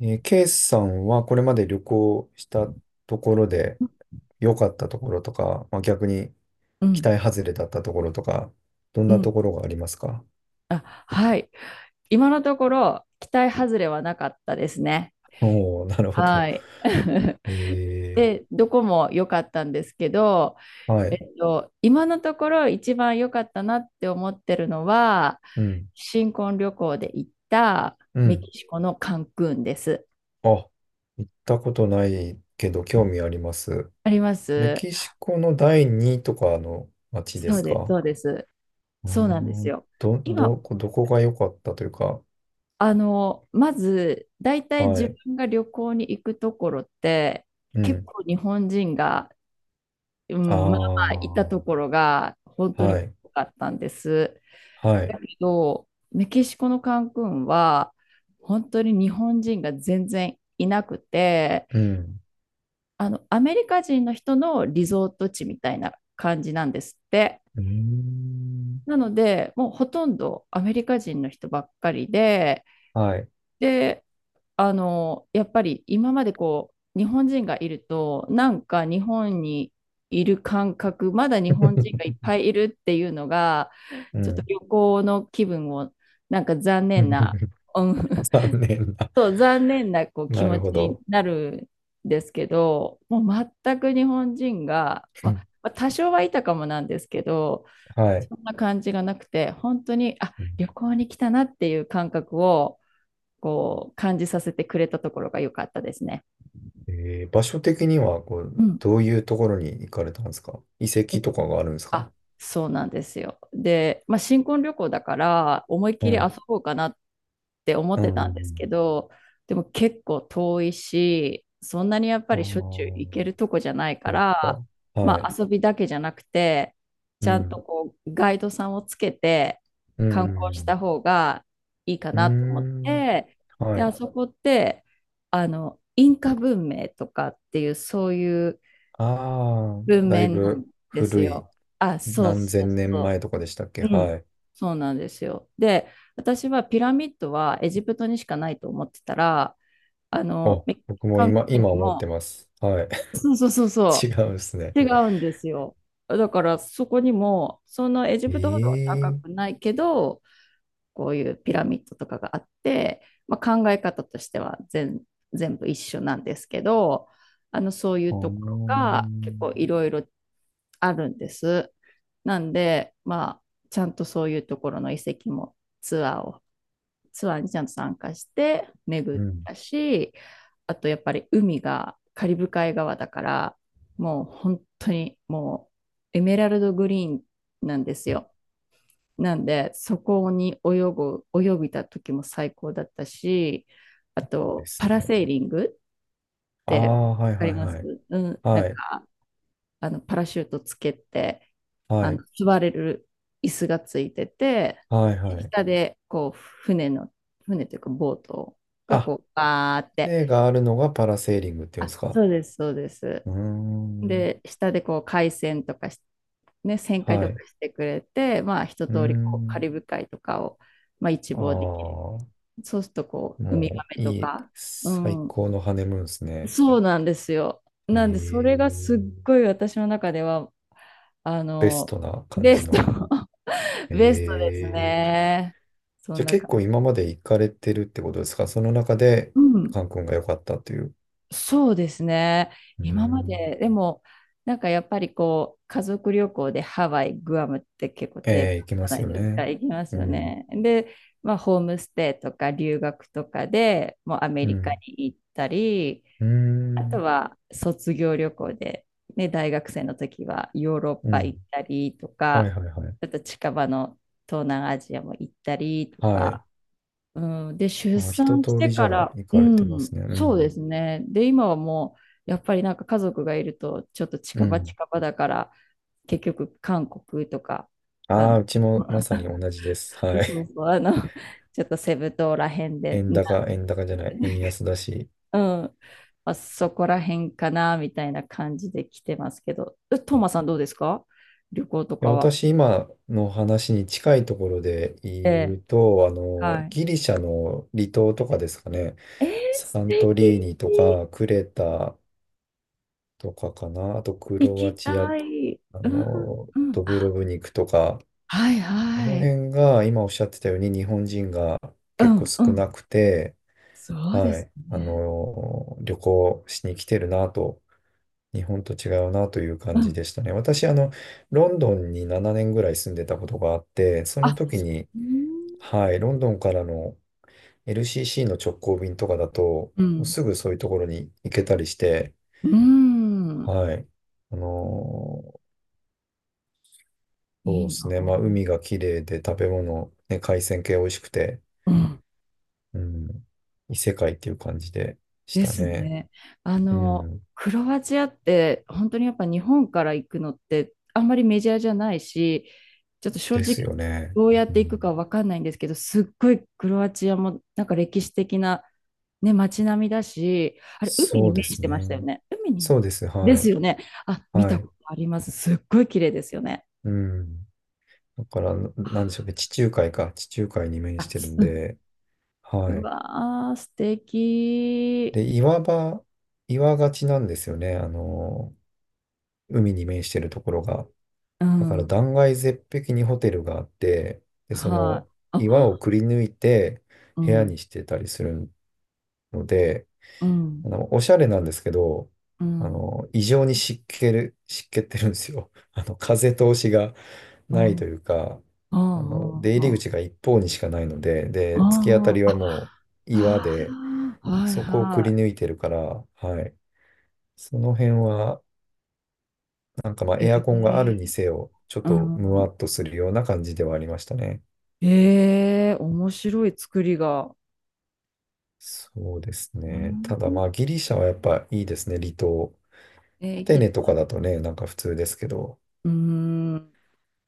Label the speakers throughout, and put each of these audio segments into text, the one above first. Speaker 1: ケイスさんはこれまで旅行したところで良かったところとか、まあ、逆に
Speaker 2: う
Speaker 1: 期
Speaker 2: ん、
Speaker 1: 待外れだったところとか、どん
Speaker 2: う
Speaker 1: なと
Speaker 2: ん。
Speaker 1: ころがありますか？
Speaker 2: あ、はい。今のところ、期待外れはなかったですね。
Speaker 1: おおー、なるほど。
Speaker 2: はい。
Speaker 1: え
Speaker 2: で、どこも良かったんですけど、
Speaker 1: はい。
Speaker 2: 今のところ一番良かったなって思ってるのは、
Speaker 1: うん。
Speaker 2: 新婚旅行で行った
Speaker 1: う
Speaker 2: メ
Speaker 1: ん。
Speaker 2: キシコのカンクンです。
Speaker 1: あ、行ったことないけど興味あります。
Speaker 2: ありま
Speaker 1: メ
Speaker 2: す。
Speaker 1: キシコの第二とかの街で
Speaker 2: そう
Speaker 1: す
Speaker 2: です、
Speaker 1: か？
Speaker 2: そうです。
Speaker 1: うー
Speaker 2: そうなんです
Speaker 1: ん。
Speaker 2: よ。
Speaker 1: ど、ど
Speaker 2: 今、
Speaker 1: こ、どこが良かったというか、
Speaker 2: まず、大体
Speaker 1: は
Speaker 2: 自
Speaker 1: い。
Speaker 2: 分が旅行に行くところって、
Speaker 1: う
Speaker 2: 結
Speaker 1: ん。
Speaker 2: 構日本人がう
Speaker 1: あ
Speaker 2: ん、まあいたとこ
Speaker 1: あ、
Speaker 2: ろが本当に
Speaker 1: はい。
Speaker 2: 多かったんです。
Speaker 1: はい。
Speaker 2: だけど、メキシコのカンクンは、本当に日本人が全然いなくて、
Speaker 1: うん。
Speaker 2: アメリカ人の人のリゾート地みたいな感じなんですって。
Speaker 1: うーん。
Speaker 2: なので、もうほとんどアメリカ人の人ばっかりで、
Speaker 1: はい。
Speaker 2: で、やっぱり今までこう、日本人がいると、なんか日本にいる感覚、まだ日本人がいっ ぱいいるっていうのが、
Speaker 1: う
Speaker 2: ちょっと
Speaker 1: ん。
Speaker 2: 旅行の気分を、なんか残念な、うん、
Speaker 1: 残 念な。
Speaker 2: そう残念なこう気
Speaker 1: なる
Speaker 2: 持ち
Speaker 1: ほ
Speaker 2: に
Speaker 1: ど。
Speaker 2: なるんですけど、もう全く日本人が、
Speaker 1: う
Speaker 2: まあ
Speaker 1: ん。
Speaker 2: まあ多少はいたかもなんですけど、
Speaker 1: はい。
Speaker 2: そんな感じがなくて、本当に、あ、
Speaker 1: うん。
Speaker 2: 旅行に来たなっていう感覚を、こう感じさせてくれたところが良かったですね。
Speaker 1: え場所的には、こ
Speaker 2: う
Speaker 1: う、
Speaker 2: ん。
Speaker 1: どういうところに行かれたんですか？遺
Speaker 2: え
Speaker 1: 跡
Speaker 2: っ。
Speaker 1: とかがあるんですか？
Speaker 2: あ、そうなんですよ。で、まあ、新婚旅行だから思いっきり
Speaker 1: は
Speaker 2: 遊
Speaker 1: い。
Speaker 2: ぼうかなって思っ
Speaker 1: う
Speaker 2: てたんですけ
Speaker 1: ん。
Speaker 2: ど、でも結構遠いし、そんなにやっぱ
Speaker 1: あ
Speaker 2: りしょっちゅう
Speaker 1: あ、
Speaker 2: 行けるとこじゃないか
Speaker 1: そう
Speaker 2: ら、
Speaker 1: か。は
Speaker 2: ま
Speaker 1: い。
Speaker 2: あ、遊びだけじゃなくて、
Speaker 1: う
Speaker 2: ちゃんと
Speaker 1: ん。
Speaker 2: こうガイドさんをつけて
Speaker 1: う
Speaker 2: 観光した
Speaker 1: ん。
Speaker 2: 方がいいか
Speaker 1: うー
Speaker 2: なと思っ
Speaker 1: ん。
Speaker 2: て、
Speaker 1: は
Speaker 2: で、
Speaker 1: い。
Speaker 2: あそこって、インカ文明とかっていうそういう
Speaker 1: ああ、
Speaker 2: 文
Speaker 1: だい
Speaker 2: 面なん
Speaker 1: ぶ
Speaker 2: です
Speaker 1: 古い、
Speaker 2: よ。あ、そう
Speaker 1: 何
Speaker 2: そう
Speaker 1: 千年
Speaker 2: そ
Speaker 1: 前とかでしたっけ？
Speaker 2: う。う
Speaker 1: は
Speaker 2: ん。
Speaker 1: い。
Speaker 2: そうなんですよ。で、私はピラミッドはエジプトにしかないと思ってたら、
Speaker 1: あ、
Speaker 2: メキシ
Speaker 1: 僕も
Speaker 2: カン
Speaker 1: 今、
Speaker 2: 国
Speaker 1: 今
Speaker 2: に
Speaker 1: 思って
Speaker 2: も、
Speaker 1: ます。はい。
Speaker 2: そうそうそう
Speaker 1: 違
Speaker 2: そ
Speaker 1: うんですね。
Speaker 2: う、違うんですよ。だからそこにも、そのエジプトほどは高
Speaker 1: え
Speaker 2: く
Speaker 1: え。
Speaker 2: ないけど、こういうピラミッドとかがあって、まあ、考え方としては全部一緒なんですけど、あのそういう
Speaker 1: ああー、
Speaker 2: ところが結構いろいろあるんです。なんで、まあ、ちゃんとそういうところの遺跡もツアーにちゃんと参加して巡
Speaker 1: う
Speaker 2: っ
Speaker 1: ん。
Speaker 2: たし、あとやっぱり海がカリブ海側だから、もう本当にもうエメラルドグリーンなんですよ。なんで、そこに泳ぎた時も最高だったし、あ
Speaker 1: で
Speaker 2: と、
Speaker 1: す
Speaker 2: パラ
Speaker 1: ね。
Speaker 2: セーリングっ
Speaker 1: あ
Speaker 2: てわ
Speaker 1: あ、はい
Speaker 2: かり
Speaker 1: はい
Speaker 2: ま
Speaker 1: は
Speaker 2: す？
Speaker 1: い。
Speaker 2: うん、な
Speaker 1: は
Speaker 2: ん
Speaker 1: い、
Speaker 2: か、パラシュートつけて、
Speaker 1: はい、
Speaker 2: 座れる椅子がついてて、
Speaker 1: はい、はい。
Speaker 2: 下で、こう、船の、船というか、ボートが
Speaker 1: あ、
Speaker 2: こう、バーって、
Speaker 1: 例があるのがパラセーリングっていうんで
Speaker 2: あ、
Speaker 1: すか？
Speaker 2: そうです、そうです。
Speaker 1: うーん、
Speaker 2: で、下でこう、海鮮とかし、ね、旋回
Speaker 1: は
Speaker 2: とか
Speaker 1: い。
Speaker 2: してくれて、まあ、一
Speaker 1: うー
Speaker 2: 通りこう、カ
Speaker 1: ん、
Speaker 2: リブ海とかを、まあ、一
Speaker 1: あ
Speaker 2: 望できる。
Speaker 1: あ、
Speaker 2: そうするとこう、ウミガ
Speaker 1: もう
Speaker 2: メと
Speaker 1: いい、
Speaker 2: か。う
Speaker 1: 最
Speaker 2: ん。
Speaker 1: 高のハネムーンですね。
Speaker 2: そうなんですよ。
Speaker 1: え
Speaker 2: なんで、それがすっご
Speaker 1: え。
Speaker 2: い私の中では、あ
Speaker 1: ベス
Speaker 2: の、
Speaker 1: トな感
Speaker 2: ベ
Speaker 1: じ
Speaker 2: スト、
Speaker 1: の。
Speaker 2: ベストです
Speaker 1: ええ。
Speaker 2: ね。そ
Speaker 1: じ
Speaker 2: ん
Speaker 1: ゃあ
Speaker 2: な
Speaker 1: 結
Speaker 2: 感
Speaker 1: 構
Speaker 2: じ。
Speaker 1: 今まで行かれてるってことですか？その中で、
Speaker 2: うん。
Speaker 1: カン君が良かったという。
Speaker 2: そうですね。
Speaker 1: うー
Speaker 2: 今ま
Speaker 1: ん。
Speaker 2: で、でも、なんかやっぱりこう、家族旅行でハワイ、グアムって結構定番
Speaker 1: ええ、いき
Speaker 2: じ
Speaker 1: ま
Speaker 2: ゃな
Speaker 1: す
Speaker 2: い
Speaker 1: よ
Speaker 2: ですか、
Speaker 1: ね。
Speaker 2: 行きます
Speaker 1: う
Speaker 2: よ
Speaker 1: ん。
Speaker 2: ね。で、まあ、ホームステイとか留学とかでもうアメ
Speaker 1: う
Speaker 2: リカ
Speaker 1: ん。
Speaker 2: に行ったり、
Speaker 1: うー
Speaker 2: あと
Speaker 1: ん。
Speaker 2: は卒業旅行で、ね、大学生の時はヨーロッ
Speaker 1: う
Speaker 2: パ
Speaker 1: ん。
Speaker 2: 行ったりと
Speaker 1: はい
Speaker 2: か、
Speaker 1: はいはい。
Speaker 2: ちょっと近場の東南アジアも行ったりと
Speaker 1: はい。
Speaker 2: か、うん、で、出
Speaker 1: あ、一
Speaker 2: 産し
Speaker 1: 通
Speaker 2: て
Speaker 1: りじゃ
Speaker 2: か
Speaker 1: あ
Speaker 2: ら、
Speaker 1: 行
Speaker 2: う
Speaker 1: かれてま
Speaker 2: ん、
Speaker 1: すね。う
Speaker 2: そうで
Speaker 1: ん。
Speaker 2: すね。で、今はもう、やっぱりなんか家族がいると、ちょっと
Speaker 1: う
Speaker 2: 近場
Speaker 1: ん。
Speaker 2: 近場だから、結局韓国とか、あ
Speaker 1: あ
Speaker 2: の、
Speaker 1: あ、うちもまさに 同じです。
Speaker 2: そ
Speaker 1: は
Speaker 2: う
Speaker 1: い。
Speaker 2: そう、あの、ちょっとセブ島らへん で、
Speaker 1: 円
Speaker 2: な、
Speaker 1: 高、円高じゃない、円安だし。
Speaker 2: うん。まあ、そこら辺かな、みたいな感じで来てますけど。えトーマさんどうですか？旅行と
Speaker 1: いや、
Speaker 2: かは。
Speaker 1: 私今の話に近いところで
Speaker 2: え
Speaker 1: 言
Speaker 2: え、
Speaker 1: うと、あの、
Speaker 2: はい。
Speaker 1: ギリシャの離島とかですかね。
Speaker 2: えー、素
Speaker 1: サントリー
Speaker 2: 敵。
Speaker 1: ニとか、クレタとかかな。あと、ク
Speaker 2: 行
Speaker 1: ロア
Speaker 2: き
Speaker 1: チア、
Speaker 2: たい。
Speaker 1: あ
Speaker 2: うん、
Speaker 1: の、
Speaker 2: うん。
Speaker 1: ドブ
Speaker 2: あ、
Speaker 1: ロブニクとか、
Speaker 2: はい
Speaker 1: この
Speaker 2: はい。
Speaker 1: 辺が今おっしゃってたように日本人が
Speaker 2: う
Speaker 1: 結
Speaker 2: ん、
Speaker 1: 構少
Speaker 2: う
Speaker 1: な
Speaker 2: ん。
Speaker 1: くて、
Speaker 2: そうで
Speaker 1: は
Speaker 2: す
Speaker 1: い、あ
Speaker 2: ね。
Speaker 1: の、旅行しに来てるなと、日本と違うなという
Speaker 2: う
Speaker 1: 感じ
Speaker 2: ん。
Speaker 1: でしたね。私、あの、ロンドンに7年ぐらい住んでたことがあって、その
Speaker 2: あ、
Speaker 1: 時
Speaker 2: そ
Speaker 1: に、
Speaker 2: う。
Speaker 1: はい、ロンドンからの LCC の直行便とかだと、
Speaker 2: う
Speaker 1: もう
Speaker 2: ん、
Speaker 1: すぐそういうところに行けたりして、
Speaker 2: うん。
Speaker 1: はい、あの、
Speaker 2: い
Speaker 1: そうで
Speaker 2: い
Speaker 1: す
Speaker 2: な。
Speaker 1: ね、まあ、海が綺麗で食べ物、ね、海鮮系美味しくて、
Speaker 2: うん。
Speaker 1: うん。異世界っていう感じでし
Speaker 2: で
Speaker 1: た
Speaker 2: す
Speaker 1: ね。
Speaker 2: ね。
Speaker 1: うん。
Speaker 2: クロアチアって本当にやっぱ日本から行くのってあんまりメジャーじゃないし、ちょっと正
Speaker 1: で
Speaker 2: 直
Speaker 1: すよね。
Speaker 2: どうやっ
Speaker 1: う
Speaker 2: て行く
Speaker 1: ん。
Speaker 2: かわかんないんですけど、すっごいクロアチアもなんか歴史的な、ね、街並みだし、あれ、海
Speaker 1: そ
Speaker 2: に
Speaker 1: うで
Speaker 2: 面し
Speaker 1: す
Speaker 2: てましたよ
Speaker 1: ね。
Speaker 2: ね。海に
Speaker 1: そうです。
Speaker 2: で
Speaker 1: は
Speaker 2: す
Speaker 1: い。
Speaker 2: よね。あ、見
Speaker 1: は
Speaker 2: たこ
Speaker 1: い。
Speaker 2: とあります。すっごい綺麗ですよね。
Speaker 1: うん。だから、なんでしょうね。地中海か。地中海に面
Speaker 2: あ、
Speaker 1: してるん
Speaker 2: うん。
Speaker 1: で。は
Speaker 2: う
Speaker 1: い。
Speaker 2: わー、素敵。
Speaker 1: で、岩場、岩がちなんですよね。あの、海に面してるところが。
Speaker 2: う
Speaker 1: だから、
Speaker 2: ん。
Speaker 1: 断崖絶壁にホテルがあって、で、そ
Speaker 2: はい。
Speaker 1: の、岩
Speaker 2: あ、
Speaker 1: をくり抜いて
Speaker 2: う
Speaker 1: 部屋
Speaker 2: ん、
Speaker 1: にしてたりするので、
Speaker 2: うん、
Speaker 1: あの、おしゃれなんですけど、
Speaker 2: う
Speaker 1: あ
Speaker 2: ん、
Speaker 1: の、異常に湿気る、湿気ってるんですよ。あの、風通しが
Speaker 2: う
Speaker 1: な
Speaker 2: ん。
Speaker 1: い
Speaker 2: うん
Speaker 1: というか、
Speaker 2: う
Speaker 1: あの、
Speaker 2: ん
Speaker 1: 出入
Speaker 2: う
Speaker 1: り
Speaker 2: ん。
Speaker 1: 口が一方にしかないので、
Speaker 2: あ
Speaker 1: で、突き当たり
Speaker 2: あ、
Speaker 1: はもう岩
Speaker 2: あ
Speaker 1: で、
Speaker 2: あはい
Speaker 1: そこをくり
Speaker 2: は
Speaker 1: 抜いてるから、はい。その辺は、なんかまあ、
Speaker 2: い。え
Speaker 1: エアコンがあるに
Speaker 2: え、
Speaker 1: せよ、ちょっ
Speaker 2: う
Speaker 1: とムワ
Speaker 2: ん。
Speaker 1: っとするような感じではありましたね。
Speaker 2: ええ、面白い作りが。
Speaker 1: そうです
Speaker 2: う
Speaker 1: ね。ただ
Speaker 2: ん。
Speaker 1: まあ、ギリシャはやっぱいいですね、離島。
Speaker 2: ええ
Speaker 1: ア
Speaker 2: 行
Speaker 1: テ
Speaker 2: き
Speaker 1: ネと
Speaker 2: た
Speaker 1: か
Speaker 2: いで
Speaker 1: だとね、なんか
Speaker 2: す。
Speaker 1: 普通ですけど、
Speaker 2: うん。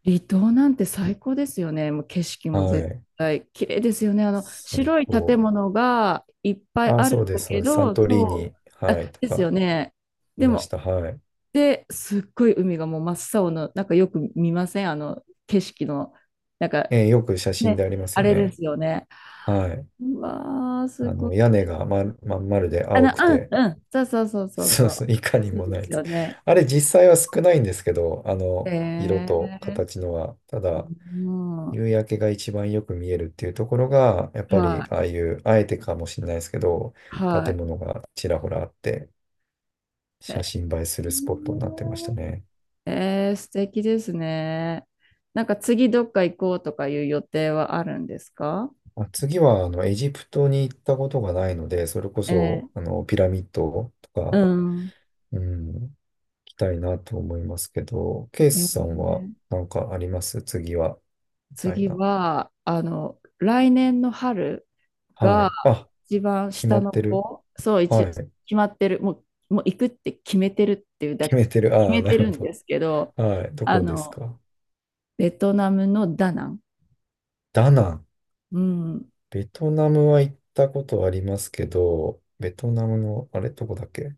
Speaker 2: 離島なんて最高ですよね。もう景色も
Speaker 1: は
Speaker 2: 絶
Speaker 1: い。
Speaker 2: 対綺麗ですよね。あの
Speaker 1: 最
Speaker 2: 白い
Speaker 1: 高。
Speaker 2: 建物がいっぱい
Speaker 1: あ、
Speaker 2: ある
Speaker 1: そ
Speaker 2: ん
Speaker 1: うで
Speaker 2: だ
Speaker 1: す、そう
Speaker 2: け
Speaker 1: です。サン
Speaker 2: ど、
Speaker 1: トリー
Speaker 2: そう、
Speaker 1: ニ、
Speaker 2: あ、
Speaker 1: はい、と
Speaker 2: ですよ
Speaker 1: か、
Speaker 2: ね。
Speaker 1: い
Speaker 2: で
Speaker 1: まし
Speaker 2: も、
Speaker 1: た。はい。
Speaker 2: で、すっごい海がもう真っ青の、なんかよく見ません？あの景色の、なんか
Speaker 1: えーよく写真で
Speaker 2: ね、
Speaker 1: あります
Speaker 2: あ
Speaker 1: よ
Speaker 2: れで
Speaker 1: ね。
Speaker 2: すよね。
Speaker 1: はい。
Speaker 2: うわー、す
Speaker 1: あ
Speaker 2: ごい。
Speaker 1: の、屋根がまん丸で青く
Speaker 2: うん
Speaker 1: て、
Speaker 2: うん、そうそうそうそう
Speaker 1: そ
Speaker 2: そ
Speaker 1: うそ
Speaker 2: う。
Speaker 1: う、いかに
Speaker 2: そう
Speaker 1: もな
Speaker 2: で
Speaker 1: い
Speaker 2: す
Speaker 1: で
Speaker 2: よ
Speaker 1: す。
Speaker 2: ね。
Speaker 1: あれ、実際は少ないんですけど、あの、色
Speaker 2: え
Speaker 1: と
Speaker 2: え、
Speaker 1: 形のは。ただ、
Speaker 2: うん、は
Speaker 1: 夕焼けが一番よく見えるっていうところが、やっ
Speaker 2: い、
Speaker 1: ぱり、ああいう、あえてかもしれないですけど、
Speaker 2: は
Speaker 1: 建
Speaker 2: い。
Speaker 1: 物がちらほらあって、写
Speaker 2: え
Speaker 1: 真映えするスポットになってました
Speaker 2: ー、
Speaker 1: ね。
Speaker 2: えー、素敵ですね。なんか次どっか行こうとかいう予定はあるんですか？
Speaker 1: あ、次は、あの、エジプトに行ったことがないので、それこ
Speaker 2: えー、
Speaker 1: そ、あの、ピラミッドと
Speaker 2: う
Speaker 1: か、
Speaker 2: ん。
Speaker 1: うん、行きたいなと思いますけど、ケイ
Speaker 2: え
Speaker 1: スさんは
Speaker 2: ー、
Speaker 1: なんかあります次は、みたい
Speaker 2: 次
Speaker 1: な。
Speaker 2: は、来年の春
Speaker 1: は
Speaker 2: が
Speaker 1: い。あ、
Speaker 2: 一番
Speaker 1: 決ま
Speaker 2: 下
Speaker 1: っ
Speaker 2: の
Speaker 1: てる。
Speaker 2: 子、そう、
Speaker 1: はい。
Speaker 2: 決まってる、もう、もう行くって決めてるっていうだ、
Speaker 1: 決
Speaker 2: 決
Speaker 1: めてる。ああ、
Speaker 2: め
Speaker 1: な
Speaker 2: て
Speaker 1: るほ
Speaker 2: るんですけど、
Speaker 1: ど。はい。ど
Speaker 2: あ
Speaker 1: こです
Speaker 2: の、
Speaker 1: か？
Speaker 2: ベトナムのダナン。
Speaker 1: ダナン。
Speaker 2: うん。
Speaker 1: ベトナムは行ったことありますけど、ベトナムの、あれ、どこだっけ？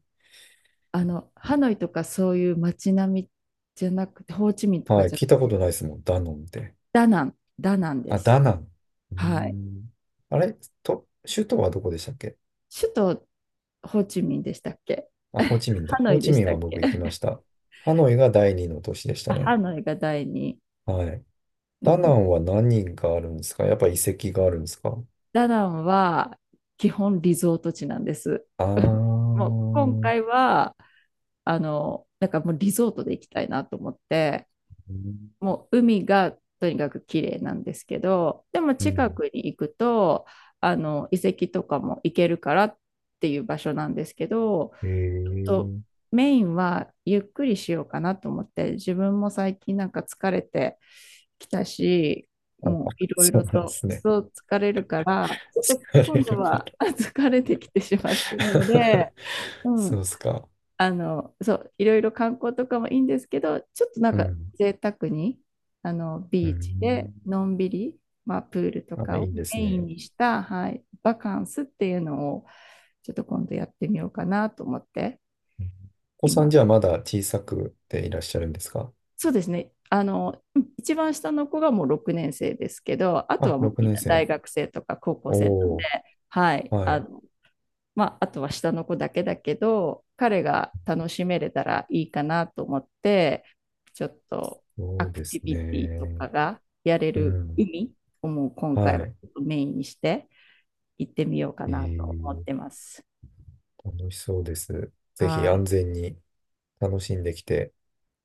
Speaker 2: ハノイとかそういう街並みじゃなくて、ホーチミンとか
Speaker 1: はい。
Speaker 2: じゃなく
Speaker 1: 聞いた
Speaker 2: て、
Speaker 1: ことないですもん。ダノンって。
Speaker 2: ダナン、ダナンで
Speaker 1: あ、
Speaker 2: す。
Speaker 1: ダナン。うー
Speaker 2: はい。
Speaker 1: ん。あれと、首都はどこでしたっけ？
Speaker 2: 首都、ホーチミンでしたっけ？
Speaker 1: あ、ホーチミンだ。
Speaker 2: ハノ
Speaker 1: ホー
Speaker 2: イ
Speaker 1: チ
Speaker 2: でし
Speaker 1: ミン
Speaker 2: た
Speaker 1: は
Speaker 2: っけ？
Speaker 1: 僕行きまし た。ハノイが第二の都市でし
Speaker 2: あ、
Speaker 1: た
Speaker 2: ハ
Speaker 1: ね。
Speaker 2: ノイが第二。
Speaker 1: はい。
Speaker 2: う
Speaker 1: ダナ
Speaker 2: ん。
Speaker 1: ンは何があるんですか？やっぱ遺跡があるんですか？
Speaker 2: ダナンは基本リゾート地なんです。
Speaker 1: あ ー。う
Speaker 2: もう今回は、なんかもうリゾートで行きたいなと思って、
Speaker 1: ん。
Speaker 2: もう海がとにかく綺麗なんですけど、でも
Speaker 1: うん。
Speaker 2: 近くに行くと、あの遺跡とかも行けるからっていう場所なんですけど、
Speaker 1: へ
Speaker 2: と、
Speaker 1: え。
Speaker 2: メインはゆっくりしようかなと思って、自分も最近なんか疲れてきたし、
Speaker 1: あ、
Speaker 2: もう いろい
Speaker 1: そ
Speaker 2: ろ
Speaker 1: うなんで
Speaker 2: と
Speaker 1: すね。
Speaker 2: そう疲れるからちょっと
Speaker 1: 疲
Speaker 2: 今
Speaker 1: れ
Speaker 2: 度
Speaker 1: るから
Speaker 2: は あ、疲れてきてしまっているの で、うん、
Speaker 1: そうっすか。
Speaker 2: あのそういろいろ観光とかもいいんですけど、ちょっとなん
Speaker 1: う
Speaker 2: か
Speaker 1: ん。
Speaker 2: 贅沢に、あの
Speaker 1: う
Speaker 2: ビーチで
Speaker 1: ん。
Speaker 2: のんびり、まあ、プールと
Speaker 1: あ、
Speaker 2: か
Speaker 1: い
Speaker 2: を
Speaker 1: いで
Speaker 2: メ
Speaker 1: す
Speaker 2: イン
Speaker 1: ね。
Speaker 2: にした、はい、バカンスっていうのをちょっと今度やってみようかなと思って、
Speaker 1: うん。お子さ
Speaker 2: 今、
Speaker 1: んじゃあまだ小さくていらっしゃるんですか？
Speaker 2: そうですね。一番下の子がもう6年生ですけど、あと
Speaker 1: あ、
Speaker 2: はもう
Speaker 1: 6
Speaker 2: みん
Speaker 1: 年
Speaker 2: な大
Speaker 1: 生。
Speaker 2: 学生とか高校生なんで、
Speaker 1: おー、
Speaker 2: はい、
Speaker 1: はい。
Speaker 2: まあ、あとは下の子だけだけど、彼が楽しめれたらいいかなと思って、ちょっとア
Speaker 1: そう
Speaker 2: ク
Speaker 1: で
Speaker 2: ティ
Speaker 1: す
Speaker 2: ビティと
Speaker 1: ね。
Speaker 2: かがやれ
Speaker 1: う
Speaker 2: る
Speaker 1: ん。
Speaker 2: 海をもう今回
Speaker 1: は
Speaker 2: はち
Speaker 1: い。
Speaker 2: ょっとメインにして行ってみようか
Speaker 1: え
Speaker 2: なと思っ
Speaker 1: ー、
Speaker 2: てます。
Speaker 1: 楽しそうです。ぜ
Speaker 2: は
Speaker 1: ひ安
Speaker 2: い。
Speaker 1: 全に楽しんできて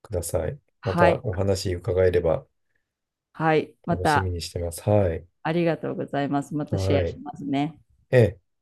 Speaker 1: ください。ま
Speaker 2: は
Speaker 1: た
Speaker 2: い。
Speaker 1: お話伺えれば
Speaker 2: はい。ま
Speaker 1: 楽しみ
Speaker 2: た、
Speaker 1: にしてます。はい。
Speaker 2: ありがとうございます。またシェア
Speaker 1: は
Speaker 2: し
Speaker 1: い。
Speaker 2: ますね。
Speaker 1: えー